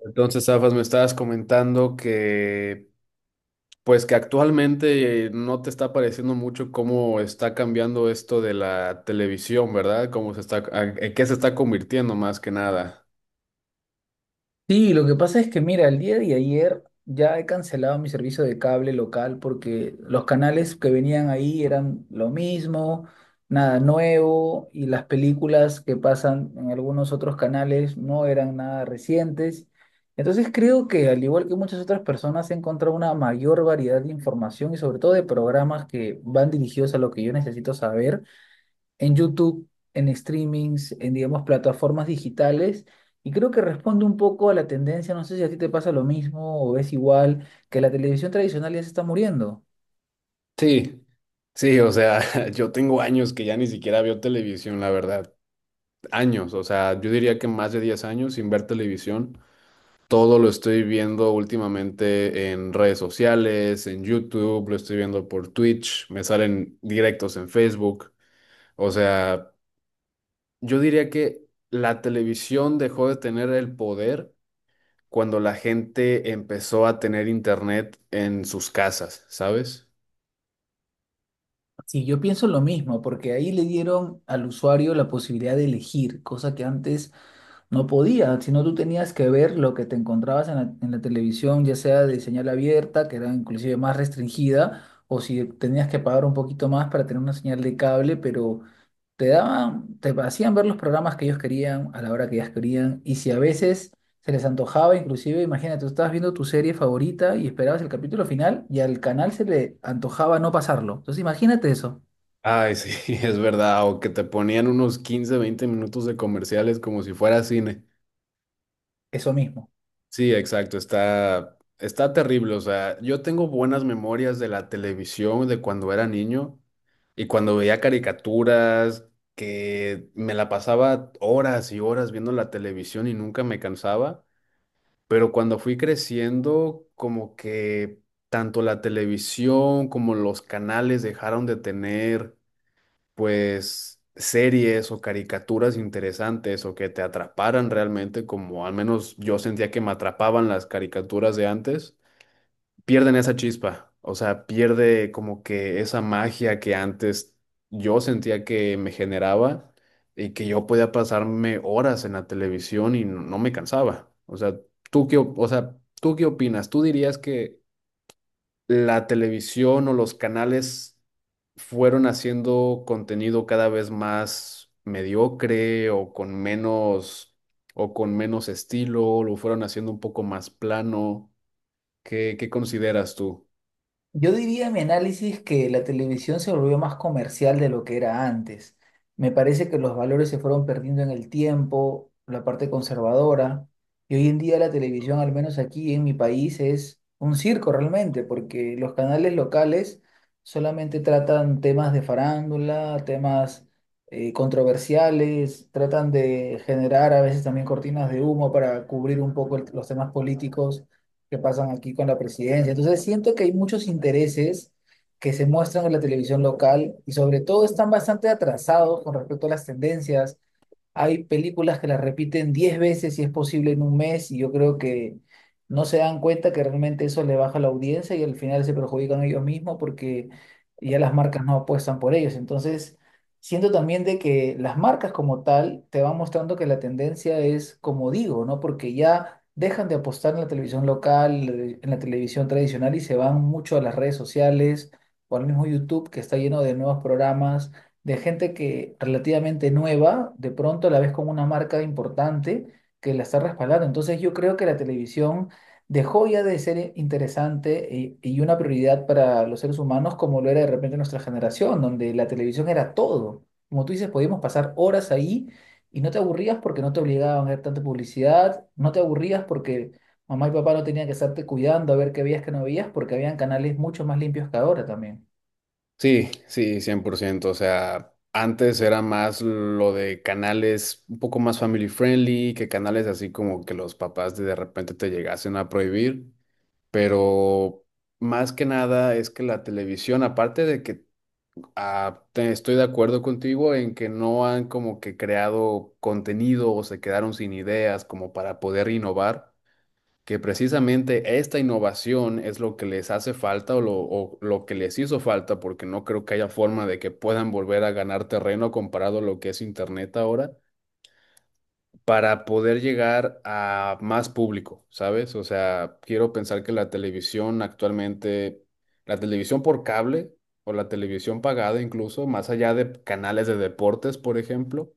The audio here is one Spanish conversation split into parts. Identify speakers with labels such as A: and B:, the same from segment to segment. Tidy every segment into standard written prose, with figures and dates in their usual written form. A: Entonces, Zafas, me estabas comentando pues que actualmente no te está pareciendo mucho cómo está cambiando esto de la televisión, ¿verdad? Cómo se está, en qué se está convirtiendo más que nada.
B: Sí, lo que pasa es que, mira, el día de ayer ya he cancelado mi servicio de cable local porque los canales que venían ahí eran lo mismo, nada nuevo, y las películas que pasan en algunos otros canales no eran nada recientes. Entonces creo que, al igual que muchas otras personas, he encontrado una mayor variedad de información y sobre todo de programas que van dirigidos a lo que yo necesito saber en YouTube, en streamings, en, digamos, plataformas digitales. Y creo que responde un poco a la tendencia, no sé si a ti te pasa lo mismo o ves igual, que la televisión tradicional ya se está muriendo.
A: Sí, sí, o sea, yo tengo años que ya ni siquiera veo televisión, la verdad. Años, o sea, yo diría que más de 10 años sin ver televisión. Todo lo estoy viendo últimamente en redes sociales, en YouTube, lo estoy viendo por Twitch, me salen directos en Facebook. O sea, yo diría que la televisión dejó de tener el poder cuando la gente empezó a tener internet en sus casas, ¿sabes?
B: Sí, yo pienso lo mismo, porque ahí le dieron al usuario la posibilidad de elegir, cosa que antes no podía, sino tú tenías que ver lo que te encontrabas en la televisión, ya sea de señal abierta, que era inclusive más restringida, o si tenías que pagar un poquito más para tener una señal de cable, pero te daban, te hacían ver los programas que ellos querían a la hora que ellas querían y si a veces se les antojaba, inclusive, imagínate, tú estabas viendo tu serie favorita y esperabas el capítulo final y al canal se le antojaba no pasarlo. Entonces imagínate eso,
A: Ay, sí, es verdad, o que te ponían unos 15 20 minutos de comerciales como si fuera cine.
B: eso mismo.
A: Sí, exacto, está terrible. O sea, yo tengo buenas memorias de la televisión de cuando era niño y cuando veía caricaturas, que me la pasaba horas y horas viendo la televisión y nunca me cansaba. Pero cuando fui creciendo, como que tanto la televisión como los canales dejaron de tener, pues, series o caricaturas interesantes o que te atraparan realmente, como al menos yo sentía que me atrapaban las caricaturas de antes pierden esa chispa, o sea, pierde como que esa magia que antes yo sentía que me generaba y que yo podía pasarme horas en la televisión y no, no me cansaba. O sea, ¿tú qué, o sea, tú qué opinas? ¿Tú dirías que la televisión o los canales fueron haciendo contenido cada vez más mediocre o con menos estilo, lo fueron haciendo un poco más plano? ¿Qué, qué consideras tú?
B: Yo diría en mi análisis que la televisión se volvió más comercial de lo que era antes. Me parece que los valores se fueron perdiendo en el tiempo, la parte conservadora, y hoy en día la televisión, al menos aquí en mi país, es un circo realmente, porque los canales locales solamente tratan temas de farándula, temas controversiales, tratan de generar a veces también cortinas de humo para cubrir un poco los temas políticos que pasan aquí con la presidencia. Entonces siento que hay muchos intereses que se muestran en la televisión local y sobre todo están bastante atrasados con respecto a las tendencias. Hay películas que las repiten 10 veces si es posible en un mes y yo creo que no se dan cuenta que realmente eso le baja la audiencia y al final se perjudican ellos mismos porque ya las marcas no apuestan por ellos. Entonces, siento también de que las marcas como tal te van mostrando que la tendencia es como digo, ¿no? Porque ya dejan de apostar en la televisión local, en la televisión tradicional y se van mucho a las redes sociales o al mismo YouTube que está lleno de nuevos programas, de gente que relativamente nueva, de pronto la ves con una marca importante que la está respaldando. Entonces yo creo que la televisión dejó ya de ser interesante y una prioridad para los seres humanos como lo era de repente nuestra generación, donde la televisión era todo. Como tú dices, podíamos pasar horas ahí y no te aburrías porque no te obligaban a ver tanta publicidad, no te aburrías porque mamá y papá no tenían que estarte cuidando a ver qué veías, que no veías, porque habían canales mucho más limpios que ahora también.
A: Sí, sí, 100%. O sea, antes era más lo de canales un poco más family friendly, que canales así como que los papás de repente te llegasen a prohibir. Pero más que nada es que la televisión, aparte de que estoy de acuerdo contigo en que no han como que creado contenido o se quedaron sin ideas como para poder innovar, que precisamente esta innovación es lo que les hace falta o lo que les hizo falta, porque no creo que haya forma de que puedan volver a ganar terreno comparado a lo que es Internet ahora, para poder llegar a más público, ¿sabes? O sea, quiero pensar que la televisión actualmente, la televisión por cable o la televisión pagada incluso, más allá de canales de deportes, por ejemplo,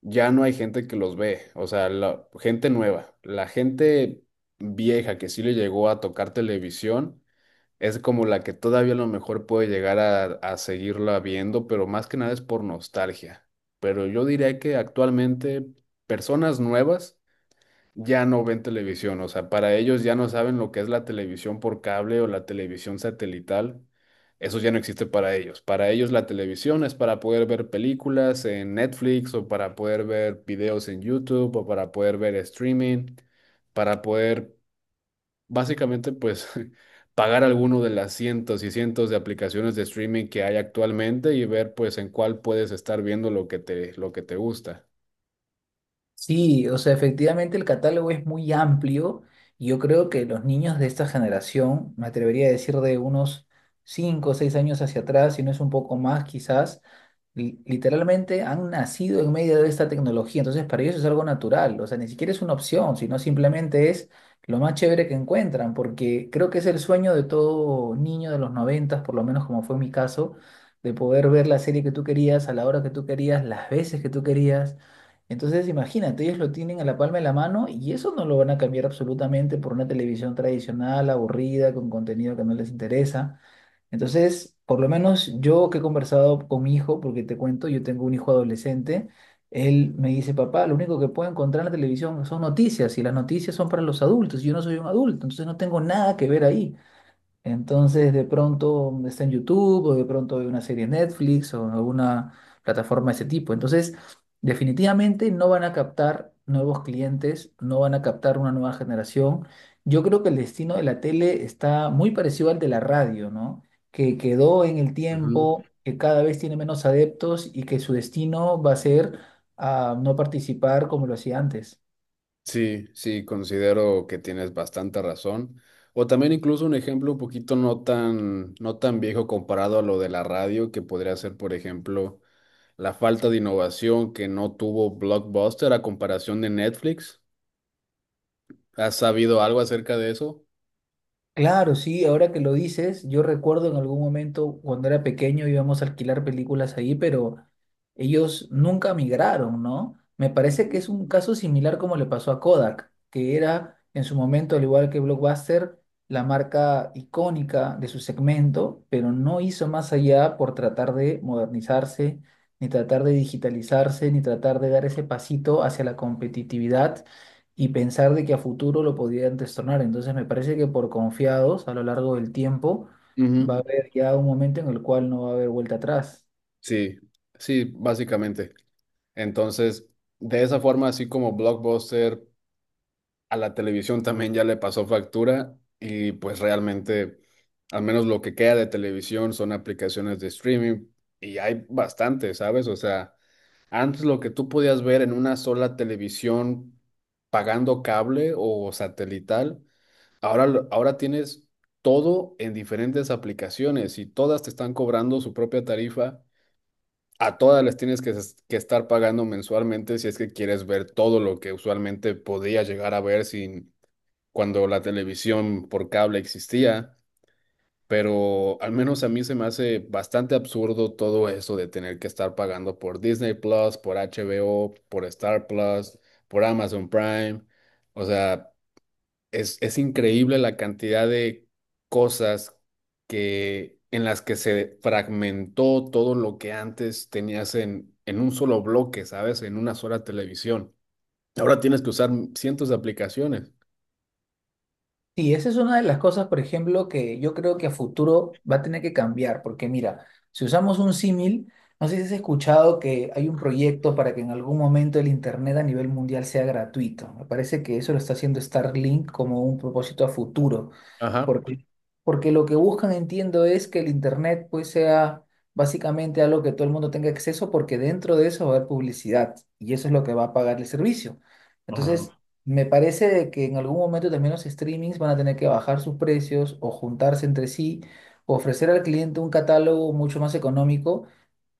A: ya no hay gente que los ve, o sea, la gente nueva, la gente vieja que sí le llegó a tocar televisión, es como la que todavía a lo mejor puede llegar a seguirla viendo, pero más que nada es por nostalgia. Pero yo diría que actualmente personas nuevas ya no ven televisión, o sea, para ellos ya no saben lo que es la televisión por cable o la televisión satelital, eso ya no existe para ellos. Para ellos la televisión es para poder ver películas en Netflix o para poder ver videos en YouTube o para poder ver streaming, para poder básicamente pues pagar alguno de las cientos y cientos de aplicaciones de streaming que hay actualmente y ver, pues, en cuál puedes estar viendo lo que te gusta.
B: Sí, o sea, efectivamente el catálogo es muy amplio y yo creo que los niños de esta generación, me atrevería a decir de unos 5 o 6 años hacia atrás, si no es un poco más quizás, literalmente han nacido en medio de esta tecnología, entonces para ellos es algo natural, o sea, ni siquiera es una opción, sino simplemente es lo más chévere que encuentran, porque creo que es el sueño de todo niño de los noventas, por lo menos como fue mi caso, de poder ver la serie que tú querías, a la hora que tú querías, las veces que tú querías. Entonces, imagínate, ellos lo tienen a la palma de la mano y eso no lo van a cambiar absolutamente por una televisión tradicional, aburrida, con contenido que no les interesa. Entonces, por lo menos yo que he conversado con mi hijo, porque te cuento, yo tengo un hijo adolescente, él me dice, papá, lo único que puedo encontrar en la televisión son noticias y las noticias son para los adultos, y yo no soy un adulto, entonces no tengo nada que ver ahí. Entonces, de pronto está en YouTube o de pronto hay una serie en Netflix o en alguna plataforma de ese tipo. Entonces, definitivamente no van a captar nuevos clientes, no van a captar una nueva generación. Yo creo que el destino de la tele está muy parecido al de la radio, ¿no? Que quedó en el
A: Ujú.
B: tiempo, que cada vez tiene menos adeptos y que su destino va a ser a no participar como lo hacía antes.
A: Sí, sí, considero que tienes bastante razón. O también incluso un ejemplo un poquito no tan viejo comparado a lo de la radio, que podría ser, por ejemplo, la falta de innovación que no tuvo Blockbuster a comparación de Netflix. ¿Has sabido algo acerca de eso?
B: Claro, sí, ahora que lo dices, yo recuerdo en algún momento cuando era pequeño íbamos a alquilar películas ahí, pero ellos nunca migraron, ¿no? Me parece que es un caso similar como le pasó a Kodak, que era en su momento, al igual que Blockbuster, la marca icónica de su segmento, pero no hizo más allá por tratar de modernizarse, ni tratar de digitalizarse, ni tratar de dar ese pasito hacia la competitividad y pensar de que a futuro lo podían destronar. Entonces me parece que por confiados a lo largo del tiempo
A: Ujú.
B: va a haber ya un momento en el cual no va a haber vuelta atrás.
A: Sí, sí, básicamente. Entonces, de esa forma, así como Blockbuster, a la televisión también ya le pasó factura y, pues, realmente, al menos lo que queda de televisión son aplicaciones de streaming y hay bastante, ¿sabes? O sea, antes lo que tú podías ver en una sola televisión pagando cable o satelital, ahora, ahora tienes todo en diferentes aplicaciones y todas te están cobrando su propia tarifa. A todas les tienes que, que estar pagando mensualmente si es que quieres ver todo lo que usualmente podías llegar a ver sin, cuando la televisión por cable existía, pero al menos a mí se me hace bastante absurdo todo eso de tener que estar pagando por Disney Plus, por HBO, por Star Plus, por Amazon Prime. O sea, es increíble la cantidad de cosas que, en las que se fragmentó todo lo que antes tenías en un solo bloque, ¿sabes? En una sola televisión. Ahora tienes que usar cientos de aplicaciones.
B: Y esa es una de las cosas, por ejemplo, que yo creo que a futuro va a tener que cambiar, porque mira, si usamos un símil, no sé si has escuchado que hay un proyecto para que en algún momento el Internet a nivel mundial sea gratuito. Me parece que eso lo está haciendo Starlink como un propósito a futuro.
A: Ajá.
B: Porque, porque lo que buscan, entiendo, es que el Internet pues sea básicamente algo que todo el mundo tenga acceso porque dentro de eso va a haber publicidad y eso es lo que va a pagar el servicio. Entonces,
A: Ajá.
B: me parece de que en algún momento también los streamings van a tener que bajar sus precios o juntarse entre sí, o ofrecer al cliente un catálogo mucho más económico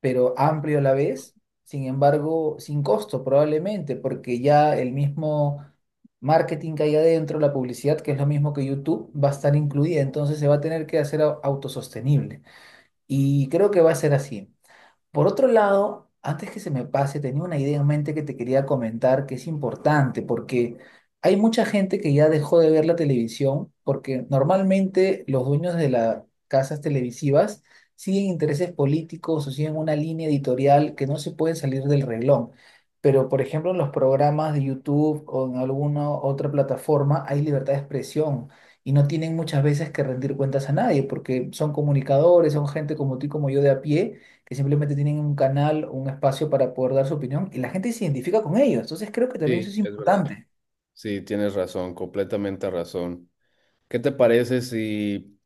B: pero amplio a la vez, sin embargo, sin costo probablemente, porque ya el mismo marketing que hay adentro, la publicidad, que es lo mismo que YouTube, va a estar incluida, entonces se va a tener que hacer autosostenible. Y creo que va a ser así. Por otro lado, antes que se me pase, tenía una idea en mente que te quería comentar que es importante, porque hay mucha gente que ya dejó de ver la televisión, porque normalmente los dueños de las casas televisivas siguen intereses políticos o siguen una línea editorial que no se puede salir del reglón. Pero, por ejemplo, en los programas de YouTube o en alguna otra plataforma hay libertad de expresión y no tienen muchas veces que rendir cuentas a nadie, porque son comunicadores, son gente como tú y como yo de a pie que simplemente tienen un canal, un espacio para poder dar su opinión y la gente se identifica con ellos. Entonces creo que también eso
A: Sí,
B: es
A: es verdad.
B: importante.
A: Sí, tienes razón, completamente razón. ¿Qué te parece si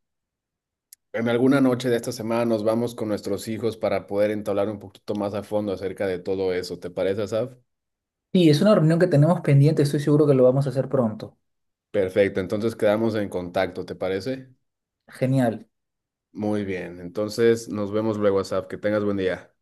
A: en alguna noche de esta semana nos vamos con nuestros hijos para poder entablar un poquito más a fondo acerca de todo eso? ¿Te parece, Asaf?
B: Sí, es una reunión que tenemos pendiente, estoy seguro que lo vamos a hacer pronto.
A: Perfecto, entonces quedamos en contacto, ¿te parece?
B: Genial.
A: Muy bien, entonces nos vemos luego, Asaf. Que tengas buen día.